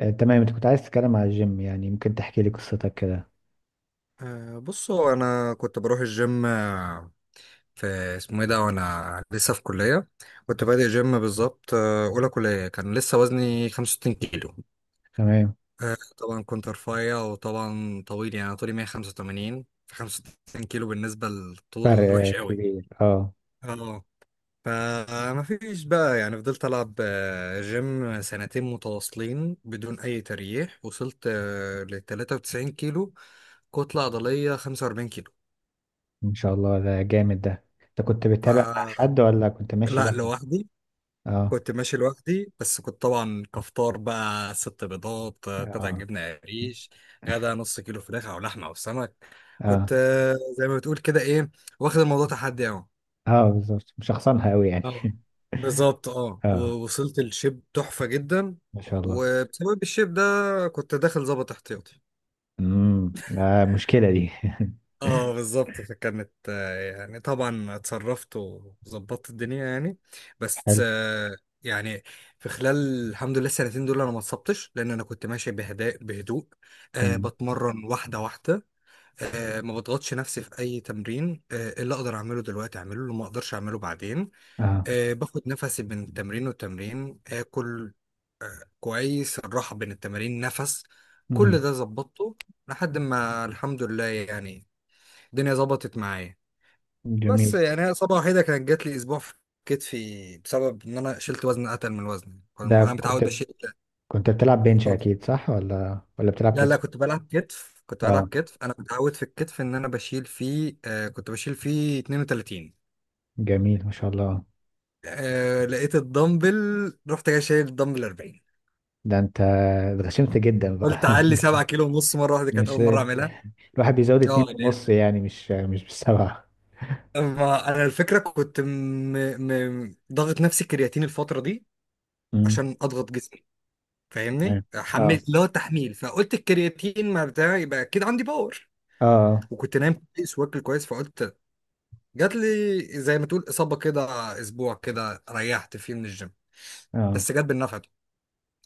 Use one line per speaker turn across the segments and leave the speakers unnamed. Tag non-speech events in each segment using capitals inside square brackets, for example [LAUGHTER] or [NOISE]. تمام، انت كنت عايز تتكلم على الجيم. يعني ممكن تحكي لي قصتك كده؟
بص، هو انا كنت بروح الجيم في اسمه ايه ده، وانا لسه في كليه. كنت بادئ جيم بالظبط، اولى كليه كان لسه وزني 65 كيلو.
تمام.
طبعا كنت رفيع وطبعا طويل، يعني أنا طولي 185، ف 65 كيلو بالنسبه للطول وحش
فرق
قوي.
كبير، اه.
اه، فما فيش بقى، يعني فضلت العب جيم سنتين متواصلين بدون اي تريح، وصلت ل 93 كيلو، كتله عضليه 45 كيلو.
ان شاء الله ده جامد. ده انت كنت بتتابع مع
ف
حد ولا كنت ماشي
لا،
لوحدك؟
لوحدي.
اه.
كنت ماشي لوحدي، بس كنت طبعا كفطار بقى ست بيضات، قطع
اه.
جبنة قريش، غدا نص كيلو فراخ أو لحمة أو سمك. كنت
اه.
زي ما بتقول كده إيه، واخد الموضوع تحدي أهو.
اه بالظبط، مشخصنها قوي يعني.
اه
[LAUGHS]
بالظبط، اه،
اه،
ووصلت الشيب تحفة جدا.
ما شاء الله.
وبسبب الشيب ده كنت داخل ظابط احتياطي.
مشكلة دي.
اه بالظبط، فكانت يعني طبعا اتصرفت وظبطت الدنيا يعني.
[LAUGHS]
بس
حلو.
آه، يعني في خلال الحمد لله السنتين دول انا ما اتصبتش، لان انا كنت ماشي بهداء بهدوء. أه،
تمام.
بتمرن واحده واحده. أه، ما بضغطش نفسي في اي تمرين، أه اللي اقدر اعمله دلوقتي اعمله، اللي ما اقدرش اعمله بعدين.
اه.
أه، باخد نفسي بين تمرين والتمرين، اكل كويس، الراحه بين التمارين، نفس. كل
امم.
ده ظبطته لحد ما الحمد لله يعني الدنيا ظبطت معايا. بس
جميل.
يعني هي اصابه وحيده كانت جات لي اسبوع في كتفي، بسبب ان انا شلت وزن اتقل من الوزن كنت
ده
انا متعود
كنت
بشيل.
بتلعب بنش
اتفضل.
اكيد صح، ولا بتلعب
لا لا،
كتف؟
كنت بلعب كتف،
اه،
انا متعود في الكتف ان انا بشيل فيه، آه كنت بشيل فيه 32.
جميل، ما شاء الله.
آه، لقيت الدمبل، رحت جاي شايل الدمبل 40.
ده انت اتغشمت جدا
قلت
بقى.
اعلي
[LAUGHS]
7 كيلو ونص مره واحده، كانت
مش
اول مره اعملها.
الواحد بيزود
اه
اتنين
لأن-
ونص يعني، مش بالسبعة.
أما انا الفكره كنت ضاغط نفسي كرياتين الفتره دي
امم.
عشان اضغط جسمي. فاهمني،
تمام. اه.
حملت اللي هو تحميل، فقلت الكرياتين ما بتاع يبقى اكيد عندي باور.
اه.
وكنت نايم كويس واكل كويس، فقلت جات لي زي ما تقول اصابه كده، اسبوع كده ريحت فيه من الجيم.
اه.
بس جت بالنفع ده.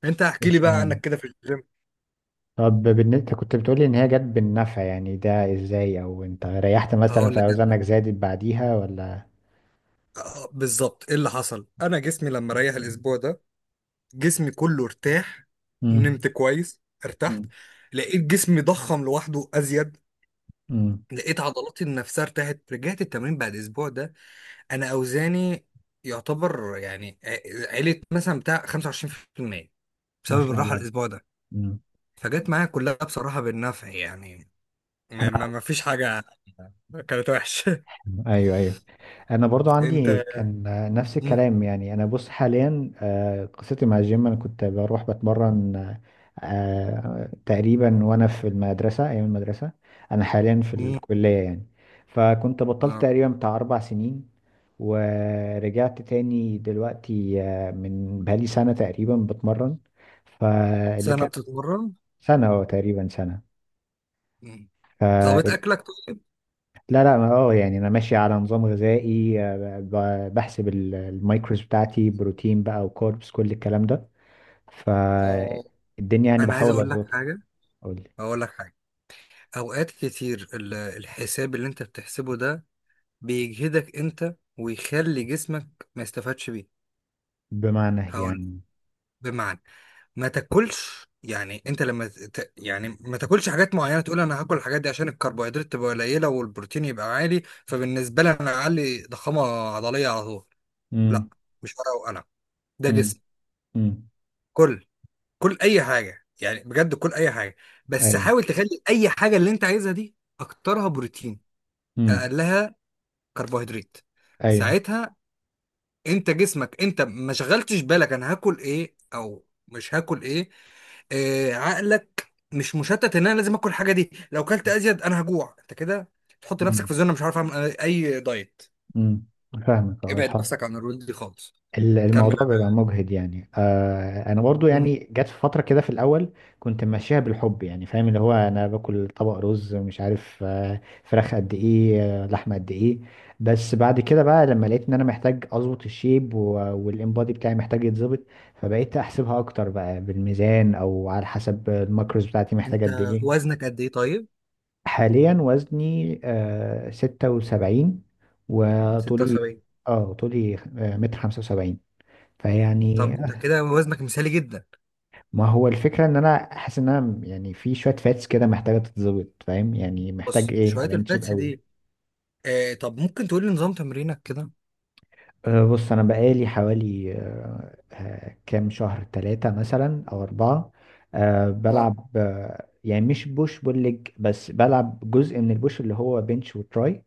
انت احكي لي
مش
بقى عنك
مهم.
كده في الجيم.
طب بالنسبة، أنت كنت بتقولي ان هي جت بالنفع، يعني ده ازاي؟ او انت ريحت مثلا،
هقول لك
في
جت،
اوزانك زادت بعديها ولا؟
بالظبط. ايه اللي حصل، انا جسمي لما ريح الاسبوع ده جسمي كله ارتاح، نمت
امم.
كويس، ارتحت،
امم.
لقيت جسمي ضخم لوحده ازيد،
امم.
لقيت عضلاتي نفسها ارتاحت، رجعت التمرين بعد اسبوع ده انا اوزاني يعتبر يعني عيلة مثلا بتاع 25%
ما
بسبب
شاء
الراحة
الله.
الاسبوع ده.
امم.
فجت معايا كلها بصراحة بالنفع يعني.
انا.
ما فيش حاجة كانت وحشة.
ايوه، ايوه. انا برضو
[LAUGHS]
عندي
انت.
كان نفس
مم.
الكلام. يعني انا بص، حاليا، قصتي مع الجيم، انا كنت بروح بتمرن، تقريبا وانا في المدرسه، ايام المدرسه. انا حاليا في
مم.
الكليه يعني. فكنت بطلت
آه.
تقريبا بتاع اربع سنين، ورجعت تاني دلوقتي، من بقالي سنه تقريبا بتمرن. فاللي
سنة
كان
بتتمرن.
سنه، تقريبا
مم. ظابط
سنه.
اكلك؟ طيب.
لا لا، اه، يعني انا ماشي على نظام غذائي، بحسب المايكروز بتاعتي، بروتين بقى وكاربس، كل الكلام ده.
آه.
فالدنيا يعني
انا عايز
بحاول
اقول لك
اظبطها.
حاجة،
اقول لك.
اقول لك حاجة. اوقات كتير الحساب اللي انت بتحسبه ده بيجهدك انت، ويخلي جسمك ما يستفادش بيه.
بمعنى
هقول
يعني.
بمعنى، ما تاكلش. يعني انت لما يعني ما تاكلش حاجات معينه، تقول انا هاكل الحاجات دي عشان الكربوهيدرات تبقى قليله والبروتين يبقى عالي، فبالنسبه لي انا اعلي ضخامه عضليه على طول. لا،
امم.
مش ورقه وقلم، ده
امم.
جسم.
امم.
كل كل اي حاجه، يعني بجد كل اي حاجه، بس
ايوه.
حاول تخلي اي حاجه اللي انت عايزها دي اكترها بروتين،
امم.
اقلها كربوهيدرات.
ايوه.
ساعتها انت جسمك، انت ما شغلتش بالك انا هاكل ايه او مش هاكل ايه. آه، عقلك مش مشتت ان انا لازم اكل الحاجه دي، لو كلت ازيد انا هجوع. انت كده تحط نفسك
امم.
في زونه مش عارف اعمل اي دايت.
امم. فاهمك، اه،
ابعد
الحمد.
نفسك عن الرول دي خالص. كمل
الموضوع
انا.
بيبقى مجهد يعني. آه انا برضو
مم.
يعني جت في فتره كده في الاول كنت ماشيها بالحب، يعني فاهم، اللي هو انا باكل طبق رز، مش عارف آه فراخ قد ايه، آه لحمه قد ايه. بس بعد كده بقى لما لقيت ان انا محتاج اظبط الشيب، والانبادي بتاعي محتاج يتظبط. فبقيت احسبها اكتر بقى بالميزان، او على حسب الماكروز بتاعتي محتاجه قد
انت
ايه.
وزنك قد ايه طيب؟
حاليا وزني آه 76، وطولي،
76.
اه طولي آه متر 75. فيعني،
طب انت كده وزنك مثالي جدا.
ما هو الفكرة ان انا حاسس ان انا يعني في شوية فاتس كده محتاجة تتظبط، فاهم يعني؟ محتاج
بص
ايه
شويه
ابقى شيب
الفاتس دي.
قوي.
آه، طب ممكن تقول لي نظام تمرينك كده؟
أه بص، انا بقالي حوالي أه كام شهر، ثلاثة مثلا او اربعة. أه
نعم.
بلعب أه، يعني مش بوش بول ليج، بس بلعب جزء من البوش، اللي هو بنش وتراي.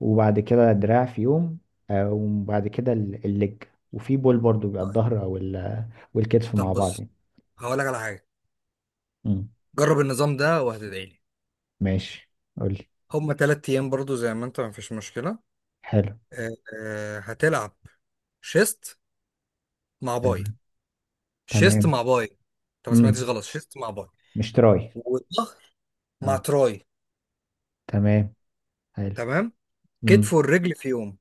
وبعد كده دراع في يوم. أه وبعد كده الليج. وفي بول برضو بيبقى
طيب.
الظهر، او والكتف مع
طب
بعض
بص،
يعني.
هقول لك على حاجه،
مم،
جرب النظام ده وهتدعي لي.
ماشي. قولي.
هما تلات أيام برضو زي ما أنت، مفيش مشكلة.
حلو.
آه، هتلعب شيست مع باي.
تمام.
شيست
تمام.
مع باي. أنت ما سمعتش
امم.
غلط، شيست مع باي.
مش تراي؟
والظهر مع
اه.
تراي.
تمام. حلو.
تمام. كتف
امم.
والرجل في يوم.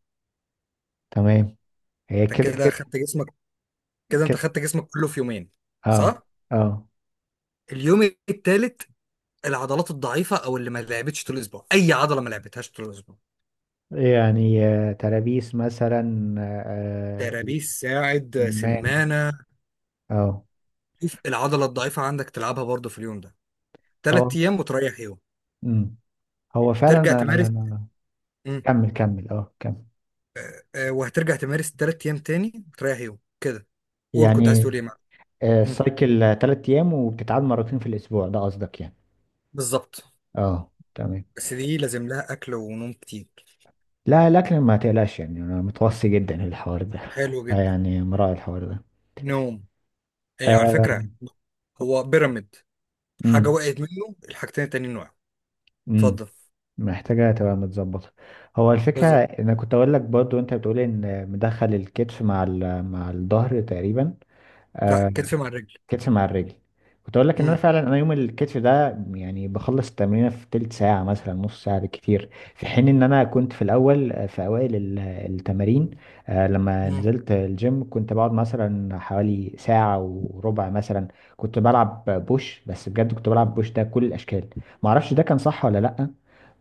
تمام. هي
أنت
كده
كده
كده.
خدت جسمك، كده أنت
كده،
خدت جسمك كله في يومين.
اه.
صح؟
اه،
اليوم التالت العضلات الضعيفة، أو اللي ما لعبتش طول الأسبوع، أي عضلة ما لعبتهاش طول الأسبوع،
يعني ترابيس مثلا،
ترابيس، ساعد،
سمان.
سمانة،
اه.
شوف العضلة الضعيفة عندك تلعبها برضو في اليوم ده.
هو.
تلات أيام وتريح يوم
امم. هو فعلا،
ترجع
انا
تمارس،
أنا- كمل كمل، اه كمل.
وهترجع تمارس تلات ايام تاني وتريح يوم كده. قول، كنت عايز
يعني
تقول ايه معاك؟
آه
مم.
سايكل ثلاث ايام وبتتعاد مرتين في الاسبوع ده قصدك يعني؟
بالظبط.
اه تمام.
بس دي لازم لها اكل ونوم كتير.
لا لكن ما تقلقش، يعني انا متوصي جدا للحوار ده.
حلو
[LAUGHS]
جدا.
يعني مراعي الحوار ده.
نوم. ايه على
آه،
فكره، هو بيراميد، حاجه وقعت منه، الحاجتين التانيين وقعوا.
امم.
اتفضل.
محتاجة تبقى متظبطة. هو الفكرة
بالظبط،
انا كنت اقول لك برضو، انت بتقول ان مدخل الكتف مع مع الظهر تقريبا.
لا،
آه،
كتف مع الرجل.
كتف مع الرجل. كنت اقول لك ان انا
امم
فعلا، انا يوم الكتف ده يعني بخلص التمرين في تلت ساعه مثلا، نص ساعه بالكتير. في حين ان انا كنت في الاول، في اوائل التمارين، لما
امم
نزلت الجيم كنت بقعد مثلا حوالي ساعه وربع مثلا. كنت بلعب بوش بس، بجد كنت بلعب بوش ده كل الاشكال. ما اعرفش ده كان صح ولا لا.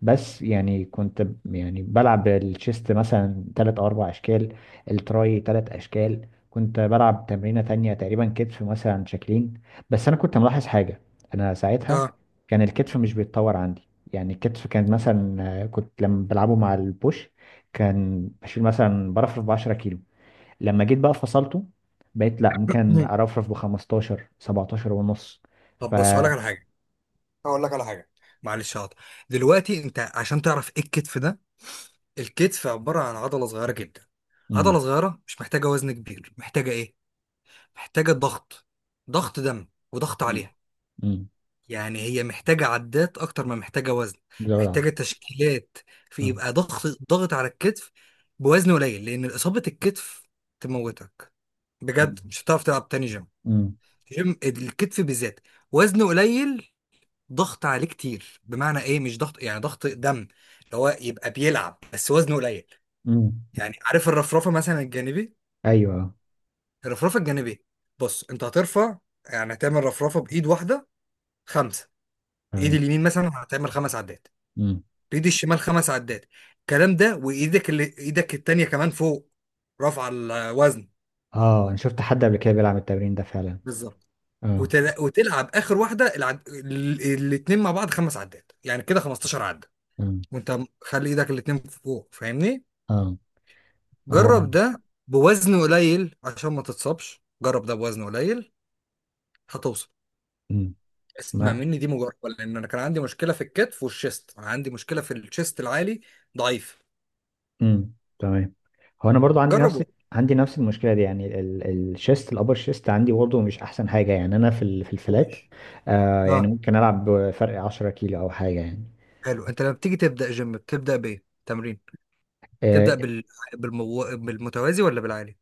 بس يعني كنت يعني بلعب الشيست مثلا تلات او اربع اشكال، التراي تلات اشكال، كنت بلعب تمرينة تانية تقريبا كتف مثلا شكلين. بس أنا كنت ملاحظ حاجة. أنا ساعتها
اه
كان الكتف مش بيتطور عندي. يعني الكتف كان مثلا، كنت لما بلعبه مع البوش كان بشيل مثلا، برفرف ب 10 كيلو. لما جيت بقى فصلته، بقيت لا، ممكن
مم.
أرفرف ب 15 17 ونص. ف
طب بص، هقول لك على حاجه، هقول لك على حاجه، معلش هقطع. دلوقتي انت عشان تعرف ايه الكتف ده، الكتف عباره عن عضله صغيره جدا،
مم.
عضله صغيره مش محتاجه وزن كبير، محتاجه ايه، محتاجة ضغط، ضغط دم وضغط
مم.
عليها.
مم.
يعني هي محتاجة عدات أكتر ما محتاجة وزن،
زود
محتاجة
عندك.
تشكيلات، في
آه.
يبقى ضغط ضغط على الكتف بوزن قليل، لأن إصابة الكتف تموتك،
مم.
بجد مش هتعرف تلعب تاني جيم.
مم.
جيم الكتف بالذات وزن قليل، ضغط عليه كتير. بمعنى إيه مش ضغط، يعني ضغط دم، اللي هو يبقى بيلعب بس وزنه قليل.
مم.
يعني عارف الرفرفة مثلا الجانبي،
أيوه.
الرفرفة الجانبي، بص أنت هترفع، يعني هتعمل رفرفة بإيد واحدة. خمسة، ايد
تمام.
اليمين مثلا هتعمل خمس عدات،
مم.
بايد الشمال خمس عدات، الكلام ده وايدك اللي ايدك التانية كمان فوق، رفع الوزن،
اه انا شفت حد قبل كده بيلعب التمرين ده فعلا.
بالظبط.
اه.
وتلعب اخر واحده، الاتنين مع بعض خمس عدات، يعني كده 15 عده، وانت خلي ايدك الاتنين فوق فاهمني.
اه. هو.
جرب ده بوزن قليل عشان ما تتصابش، جرب ده بوزن قليل هتوصل.
امم.
اسمع
ما.
مني دي مجربه، لان انا كان عندي مشكله في الكتف والشيست، انا عندي مشكله في الشيست العالي ضعيف.
امم. تمام. هو انا برضو
جربه.
عندي نفس المشكله دي. يعني الشيست الابر شيست عندي برضو مش احسن حاجه. يعني انا في في الفلات،
وحش.
آه يعني ممكن العب بفرق 10 كيلو او حاجه يعني.
حلو، انت لما بتيجي تبدا جيم بتبدا بايه تمرين؟
آه.
تبدا بال... بالمتوازي ولا بالعالي؟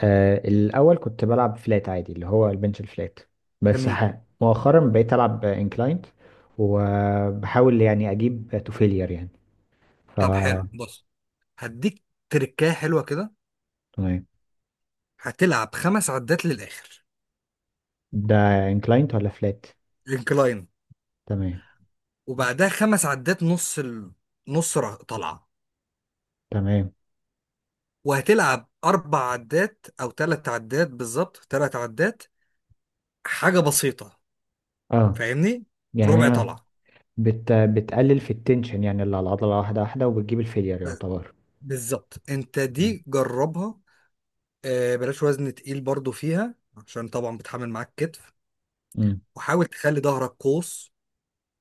الاول كنت بلعب فلات عادي، اللي هو البنش الفلات. بس
جميل.
مؤخرا بقيت العب انكلاينت. وبحاول يعني اجيب تو فيلير يعني. ف
طب حلو، بص، هديك تركايه حلوه كده،
تمام.
هتلعب خمس عدات للاخر.
ده انكلاينت ولا فلات؟
انكلاين.
تمام.
وبعدها خمس عدات نص طلعه.
تمام.
وهتلعب اربع عدات او ثلاث عدات، بالظبط ثلاث عدات، حاجه بسيطه
اه.
فاهمني، ربع
يعني
طلعه.
بتقلل في التنشن يعني، اللي على العضلة، واحدة واحدة وبتجيب الفيلير يعتبر.
بالظبط، انت
مم.
دي جربها. بلاش وزن تقيل برضو فيها، عشان طبعا بتحمل معاك كتف.
مم.
وحاول تخلي ظهرك قوس.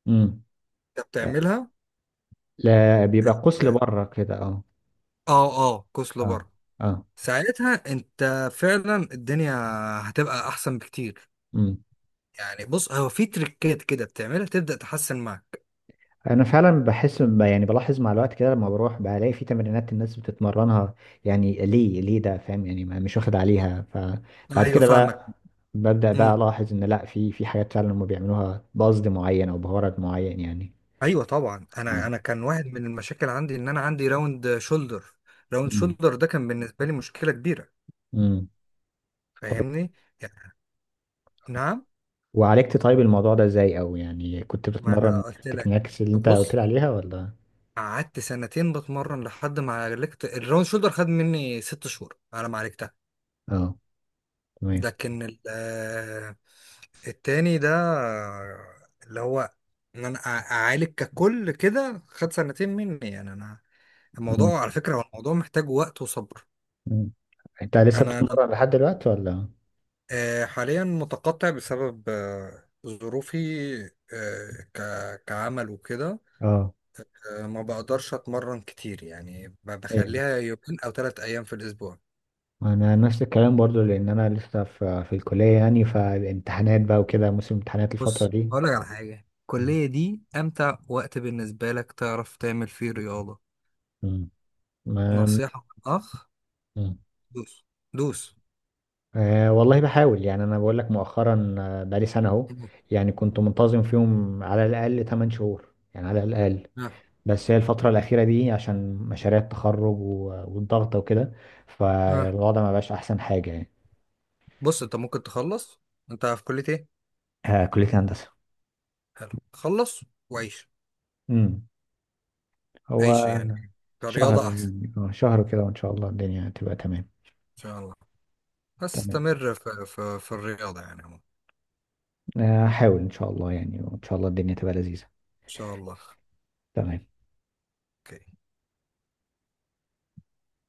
مم.
انت بتعملها؟
لا بيبقى قوس لبره كده، اه.
اه اه، قوس
اه.
لبره.
اه.
ساعتها انت فعلا الدنيا هتبقى احسن بكتير.
مم.
يعني بص، هو في تريكات كده بتعملها تبدأ تحسن معاك.
انا فعلا بحس يعني بلاحظ مع الوقت كده، لما بروح بلاقي في تمرينات الناس بتتمرنها، يعني ليه ده؟ فاهم يعني؟ مش واخد عليها. فبعد
ايوه
كده
فاهمك.
بقى ببدأ بقى
امم.
الاحظ ان لا، في حاجات فعلا هم بيعملوها بقصد معين او بغرض معين يعني.
ايوه طبعا،
اه.
انا كان واحد من المشاكل عندي ان انا عندي راوند شولدر، راوند
مم.
شولدر ده كان بالنسبه لي مشكله كبيره،
مم.
فاهمني، يعني، نعم.
وعالجت طيب الموضوع ده ازاي، او يعني كنت
ما انا
بتتمرن
قلت لك،
التكنيكس اللي انت قلت لي
بص،
عليها ولا؟
قعدت سنتين بتمرن لحد ما عالجت الراوند شولدر، خد مني 6 شهور على ما عالجت.
اه، تمام.
لكن التاني ده، اللي هو ان انا اعالج ككل كده خد سنتين مني، يعني انا
مم.
الموضوع على فكرة، هو الموضوع محتاج وقت وصبر.
مم. انت لسه
انا لم-
بتتمرن لحد دلوقتي ولا؟
حاليا متقطع بسبب ظروفي، كعمل وكده.
اه.
ما بقدرش اتمرن كتير، يعني
ايوه.
بخليها يومين او ثلاث ايام في الاسبوع.
انا نفس الكلام برضو، لان انا لسه في الكليه يعني. فالامتحانات بقى وكده، موسم امتحانات الفتره
بص
دي.
هقولك على حاجة،
مم.
الكلية دي أمتع وقت بالنسبة لك تعرف تعمل فيه رياضة.
مم. ما.
نصيحة من أخ.
مم.
دوس. دوس.
آه والله بحاول يعني. انا بقول لك مؤخرا، بقالي سنه اهو،
مم.
يعني كنت منتظم فيهم على الاقل 8 شهور، يعني على الاقل.
آه.
بس هي الفترة الأخيرة دي عشان مشاريع التخرج والضغط وكده.
آه.
فالوضع ما بقاش أحسن حاجة يعني.
بص أنت ممكن تخلص، أنت في كلية إيه؟
آه، كلية هندسة.
حلو، خلص وعيش.
امم.
عيش
هو
يعني
شهر
كرياضة أحسن.
يعني، اه شهر كده وإن شاء الله الدنيا تبقى تمام.
إن شاء الله. بس
تمام.
استمر في الرياضة يعني عموما.
هحاول إن شاء الله يعني، وإن شاء الله الدنيا تبقى لذيذة.
إن شاء الله.
تمام.
أوكي.